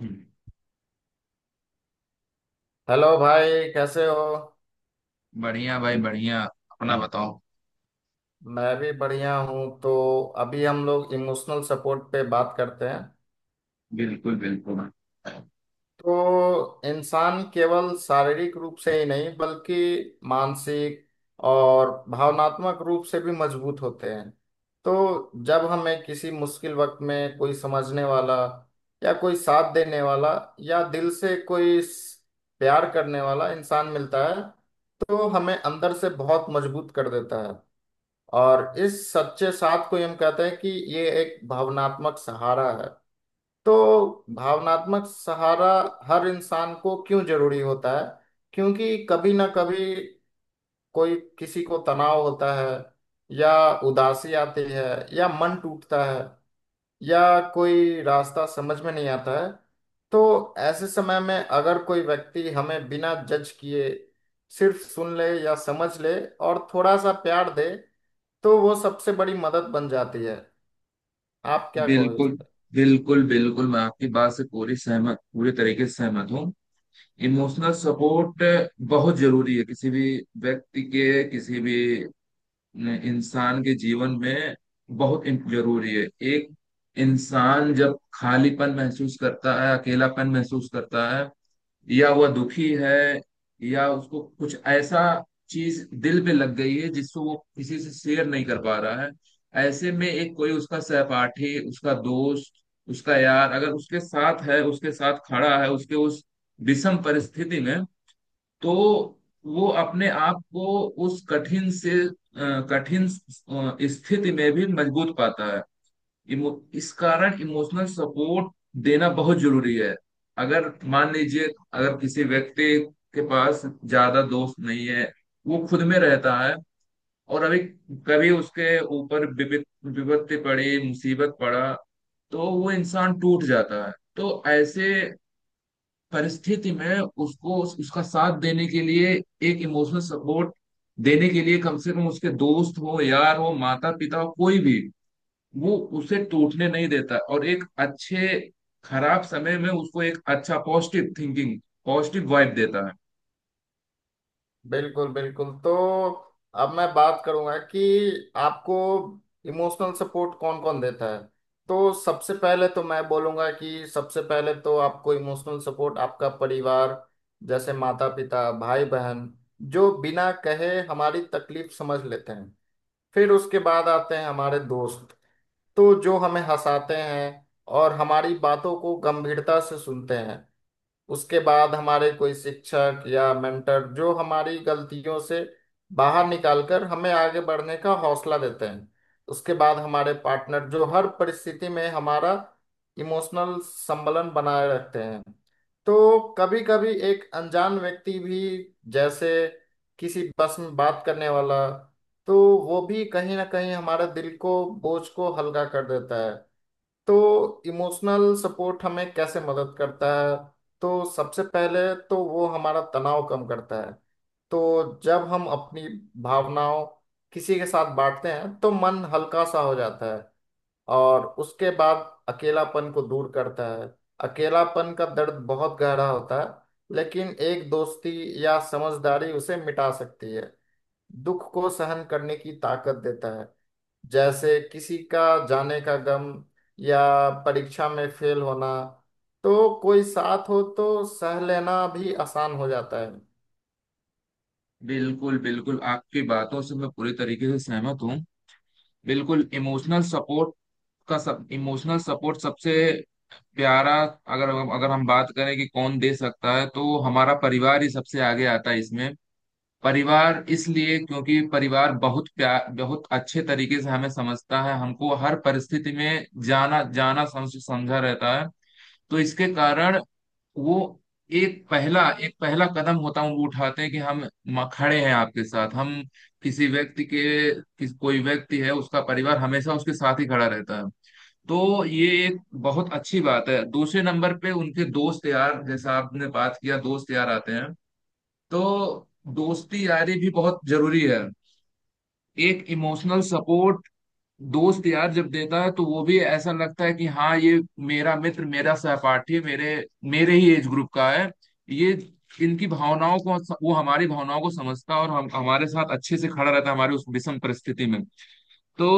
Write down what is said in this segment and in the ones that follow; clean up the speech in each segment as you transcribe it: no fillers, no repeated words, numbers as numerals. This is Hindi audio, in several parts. हम्म। हेलो भाई कैसे हो। बढ़िया भाई बढ़िया। अपना बताओ। मैं भी बढ़िया हूँ। तो अभी हम लोग इमोशनल सपोर्ट पे बात करते हैं। बिल्कुल बिल्कुल, तो इंसान केवल शारीरिक रूप से ही नहीं बल्कि मानसिक और भावनात्मक रूप से भी मजबूत होते हैं। तो जब हमें किसी मुश्किल वक्त में कोई समझने वाला या कोई साथ देने वाला या दिल से कोई प्यार करने वाला इंसान मिलता है, तो हमें अंदर से बहुत मजबूत कर देता है। और इस सच्चे साथ को ही हम कहते हैं कि ये एक भावनात्मक सहारा है। तो भावनात्मक सहारा हर इंसान को क्यों जरूरी होता है? क्योंकि कभी ना कभी कोई किसी को तनाव होता है, या उदासी आती है, या मन टूटता है, या कोई रास्ता समझ में नहीं आता है। तो ऐसे समय में अगर कोई व्यक्ति हमें बिना जज किए सिर्फ सुन ले या समझ ले और थोड़ा सा प्यार दे, तो वो सबसे बड़ी मदद बन जाती है। आप क्या कहो इस बिल्कुल पे? बिल्कुल, बिल्कुल मैं आपकी बात से पूरी तरीके से सहमत हूँ। इमोशनल सपोर्ट बहुत जरूरी है किसी भी व्यक्ति के, किसी भी इंसान के जीवन में बहुत जरूरी है। एक इंसान जब खालीपन महसूस करता है, अकेलापन महसूस करता है, या वह दुखी है, या उसको कुछ ऐसा चीज दिल पे लग गई है जिसको वो किसी से शेयर नहीं कर पा रहा है। ऐसे में एक कोई उसका सहपाठी, उसका दोस्त, उसका यार अगर उसके साथ है, उसके साथ खड़ा है उसके उस विषम परिस्थिति में, तो वो अपने आप को उस कठिन स्थिति में भी मजबूत पाता है। इमो, इस कारण इमोशनल सपोर्ट देना बहुत जरूरी है। अगर मान लीजिए, अगर किसी व्यक्ति के पास ज्यादा दोस्त नहीं है, वो खुद में रहता है, और अभी कभी उसके ऊपर विपत्ति पड़ी, मुसीबत पड़ा, तो वो इंसान टूट जाता है। तो ऐसे परिस्थिति में उसको उसका साथ देने के लिए, एक इमोशनल सपोर्ट देने के लिए, कम से कम उसके दोस्त हो, यार हो, माता पिता हो, कोई भी, वो उसे टूटने नहीं देता। और एक अच्छे खराब समय में उसको एक अच्छा पॉजिटिव थिंकिंग, पॉजिटिव वाइब देता है। बिल्कुल बिल्कुल। तो अब मैं बात करूंगा कि आपको इमोशनल सपोर्ट कौन कौन देता है। तो सबसे पहले तो मैं बोलूंगा कि सबसे पहले तो आपको इमोशनल सपोर्ट आपका परिवार, जैसे माता पिता भाई बहन, जो बिना कहे हमारी तकलीफ समझ लेते हैं। फिर उसके बाद आते हैं हमारे दोस्त, तो जो हमें हंसाते हैं और हमारी बातों को गंभीरता से सुनते हैं। उसके बाद हमारे कोई शिक्षक या मेंटर, जो हमारी गलतियों से बाहर निकालकर हमें आगे बढ़ने का हौसला देते हैं। उसके बाद हमारे पार्टनर, जो हर परिस्थिति में हमारा इमोशनल संबलन बनाए रखते हैं। तो कभी कभी एक अनजान व्यक्ति भी, जैसे किसी बस में बात करने वाला, तो वो भी कहीं ना कहीं हमारे दिल को बोझ को हल्का कर देता है। तो इमोशनल सपोर्ट हमें कैसे मदद करता है? तो सबसे पहले तो वो हमारा तनाव कम करता है। तो जब हम अपनी भावनाओं किसी के साथ बांटते हैं, तो मन हल्का सा हो जाता है। और उसके बाद अकेलापन को दूर करता है। अकेलापन का दर्द बहुत गहरा होता है, लेकिन एक दोस्ती या समझदारी उसे मिटा सकती है। दुख को सहन करने की ताकत देता है, जैसे किसी का जाने का गम या परीक्षा में फेल होना। तो कोई साथ हो तो सह लेना भी आसान हो जाता है। बिल्कुल बिल्कुल, आपकी बातों से मैं पूरी तरीके से सहमत हूँ। बिल्कुल इमोशनल सपोर्ट का सब, इमोशनल सपोर्ट सबसे प्यारा। अगर अगर हम बात करें कि कौन दे सकता है, तो हमारा परिवार ही सबसे आगे आता है इसमें। परिवार इसलिए क्योंकि परिवार बहुत प्यार, बहुत अच्छे तरीके से हमें समझता है, हमको हर परिस्थिति में जाना जाना समझ समझा रहता है। तो इसके कारण वो एक पहला कदम होता है, वो उठाते हैं कि हम खड़े हैं आपके साथ। हम किसी व्यक्ति के किस कोई व्यक्ति है, उसका परिवार हमेशा उसके साथ ही खड़ा रहता है। तो ये एक बहुत अच्छी बात है। दूसरे नंबर पे उनके दोस्त यार, जैसा आपने बात किया, दोस्त यार आते हैं। तो दोस्ती यारी भी बहुत जरूरी है। एक इमोशनल सपोर्ट दोस्त यार जब देता है, तो वो भी ऐसा लगता है कि हाँ, ये मेरा मित्र, मेरा सहपाठी, मेरे मेरे ही एज ग्रुप का है। ये इनकी भावनाओं को, वो हमारी भावनाओं को समझता है, और हम हमारे साथ अच्छे से खड़ा रहता है हमारी उस विषम परिस्थिति में। तो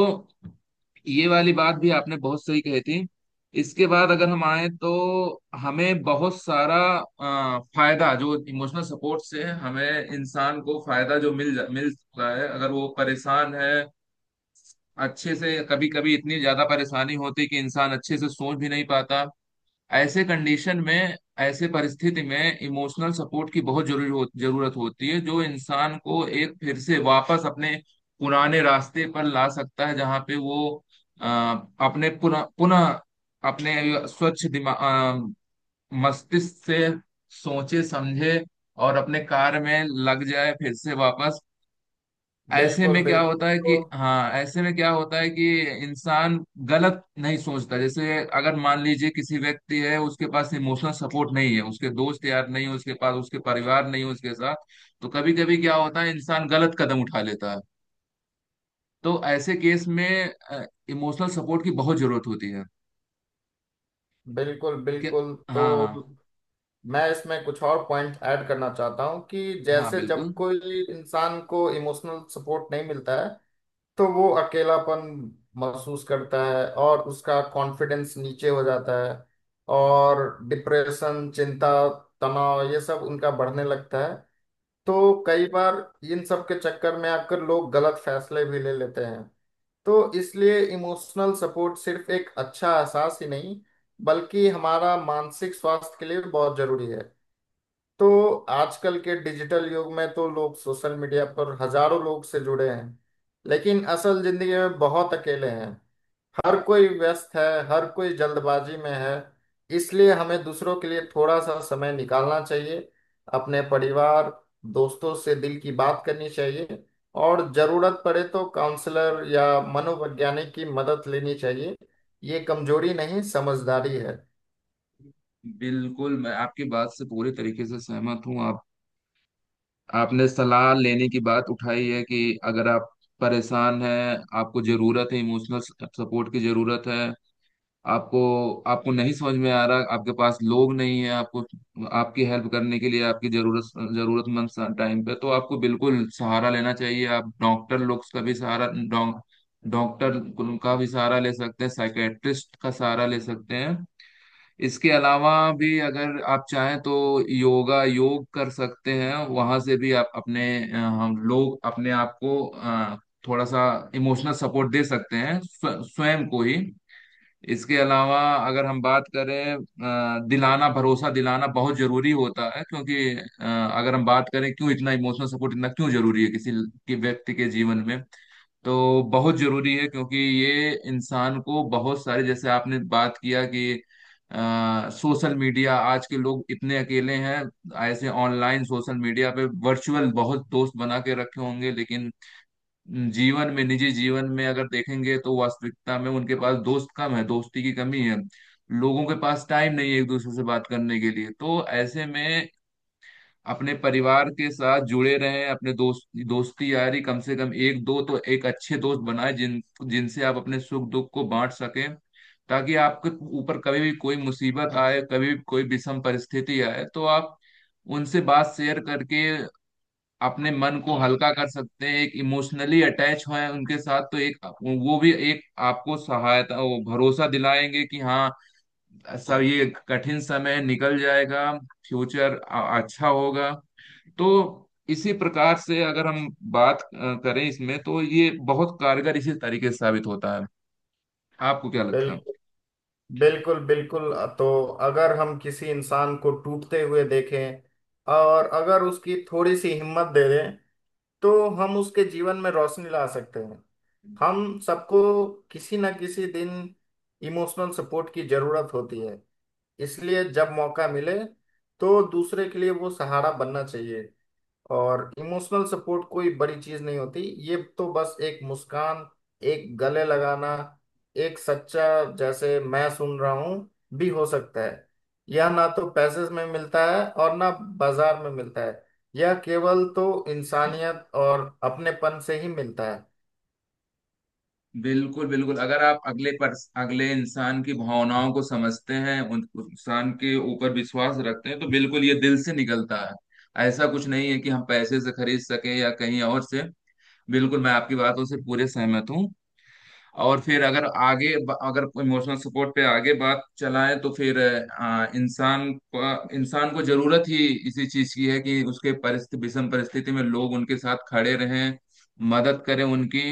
ये वाली बात भी आपने बहुत सही कही थी। इसके बाद अगर हम आए, तो हमें बहुत सारा फायदा जो इमोशनल सपोर्ट से हमें, इंसान को फायदा जो मिल सकता है अगर वो परेशान है। अच्छे से कभी कभी इतनी ज्यादा परेशानी होती कि इंसान अच्छे से सोच भी नहीं पाता। ऐसे कंडीशन में, ऐसे परिस्थिति में इमोशनल सपोर्ट की बहुत जरूरत होती है, जो इंसान को एक फिर से वापस अपने पुराने रास्ते पर ला सकता है। जहाँ पे वो अ, अपने पुनः पुनः अपने स्वच्छ दिमाग, मस्तिष्क से सोचे समझे, और अपने कार्य में लग जाए फिर से वापस। ऐसे बिल्कुल में क्या बिल्कुल। होता है तो कि हाँ, ऐसे में क्या होता है कि इंसान गलत नहीं सोचता। जैसे अगर मान लीजिए किसी व्यक्ति है, उसके पास इमोशनल सपोर्ट नहीं है, उसके दोस्त यार नहीं है उसके पास, उसके परिवार नहीं है उसके साथ, तो कभी कभी क्या होता है इंसान गलत कदम उठा लेता है। तो ऐसे केस में इमोशनल सपोर्ट की बहुत जरूरत होती है। बिल्कुल कि बिल्कुल। तो हाँ हाँ। मैं इसमें कुछ और पॉइंट ऐड करना चाहता हूँ कि हाँ जैसे जब बिल्कुल, कोई इंसान को इमोशनल सपोर्ट नहीं मिलता है, तो वो अकेलापन महसूस करता है और उसका कॉन्फिडेंस नीचे हो जाता है। और डिप्रेशन, चिंता, तनाव, ये सब उनका बढ़ने लगता है। तो कई बार इन सब के चक्कर में आकर लोग गलत फैसले भी ले लेते हैं। तो इसलिए इमोशनल सपोर्ट सिर्फ एक अच्छा एहसास ही नहीं, बल्कि हमारा मानसिक स्वास्थ्य के लिए बहुत जरूरी है। तो आजकल के डिजिटल युग में तो लोग सोशल मीडिया पर हजारों लोग से जुड़े हैं, लेकिन असल जिंदगी में बहुत अकेले हैं। हर कोई व्यस्त है, हर कोई जल्दबाजी में है। इसलिए हमें दूसरों के लिए थोड़ा सा समय निकालना चाहिए, अपने परिवार, दोस्तों से दिल की बात करनी चाहिए। और जरूरत पड़े तो काउंसलर या मनोवैज्ञानिक की मदद लेनी चाहिए। ये कमजोरी नहीं, समझदारी है। बिल्कुल मैं आपकी बात से पूरे तरीके से सहमत हूँ। आप आपने सलाह लेने की बात उठाई है कि अगर आप परेशान हैं, आपको जरूरत है, इमोशनल सपोर्ट की जरूरत है। आपको, नहीं समझ में आ रहा, आपके पास लोग नहीं है आपको, आपकी हेल्प करने के लिए, आपकी जरूरतमंद टाइम पे, तो आपको बिल्कुल सहारा लेना चाहिए। आप डॉक्टर लोग का भी सहारा, डॉक्टर का भी सहारा ले सकते हैं, साइकेट्रिस्ट का सहारा ले सकते हैं। इसके अलावा भी अगर आप चाहें तो योग कर सकते हैं, वहां से भी आप अपने, हम लोग अपने आप को थोड़ा सा इमोशनल सपोर्ट दे सकते हैं, स्वयं को ही। इसके अलावा अगर हम बात करें, अ, दिलाना भरोसा दिलाना बहुत जरूरी होता है, क्योंकि अगर हम बात करें क्यों इतना इमोशनल सपोर्ट इतना क्यों जरूरी है किसी के, व्यक्ति के जीवन में, तो बहुत जरूरी है। क्योंकि ये इंसान को बहुत सारे, जैसे आपने बात किया कि सोशल मीडिया आज के लोग इतने अकेले हैं। ऐसे ऑनलाइन सोशल मीडिया पे वर्चुअल बहुत दोस्त बना के रखे होंगे, लेकिन जीवन में, निजी जीवन में अगर देखेंगे, तो वास्तविकता में उनके पास दोस्त कम है, दोस्ती की कमी है। लोगों के पास टाइम नहीं है एक दूसरे से बात करने के लिए। तो ऐसे में अपने परिवार के साथ जुड़े रहें, अपने दोस्त, दोस्ती यारी कम से कम एक दो, तो एक अच्छे दोस्त बनाए जिनसे आप अपने सुख दुख को बांट सकें। ताकि आपके ऊपर कभी भी कोई मुसीबत आए, कभी भी कोई विषम परिस्थिति आए, तो आप उनसे बात शेयर करके अपने मन को हल्का कर सकते हैं। एक इमोशनली अटैच हों उनके साथ, तो एक वो भी एक आपको सहायता, वो भरोसा दिलाएंगे कि हाँ, सब ये कठिन समय निकल जाएगा, फ्यूचर अच्छा होगा। तो इसी प्रकार से अगर हम बात करें इसमें, तो ये बहुत कारगर इसी तरीके से साबित होता है। आपको क्या लगता है? बिल्कुल बिल्कुल बिल्कुल। तो अगर हम किसी इंसान को टूटते हुए देखें और अगर उसकी थोड़ी सी हिम्मत दे दें, तो हम उसके जीवन में रोशनी ला सकते हैं। हम सबको किसी ना किसी दिन इमोशनल सपोर्ट की जरूरत होती है। इसलिए जब मौका मिले, तो दूसरे के लिए वो सहारा बनना चाहिए। और इमोशनल सपोर्ट कोई बड़ी चीज नहीं होती। ये तो बस एक मुस्कान, एक गले लगाना, एक सच्चा जैसे मैं सुन रहा हूँ भी हो सकता है। यह ना तो पैसे में मिलता है और ना बाजार में मिलता है। यह केवल तो इंसानियत और अपनेपन से ही मिलता है। बिल्कुल बिल्कुल, अगर आप अगले इंसान की भावनाओं को समझते हैं, उन उस इंसान के ऊपर विश्वास रखते हैं, तो बिल्कुल ये दिल से निकलता है। ऐसा कुछ नहीं है कि हम पैसे से खरीद सकें या कहीं और से। बिल्कुल मैं आपकी बातों से पूरे सहमत हूँ। और फिर अगर आगे अगर इमोशनल सपोर्ट पे आगे बात चलाएं, तो फिर इंसान को जरूरत ही इसी चीज की है कि उसके परिस्थिति, विषम परिस्थिति में लोग उनके साथ खड़े रहें, मदद करें उनकी।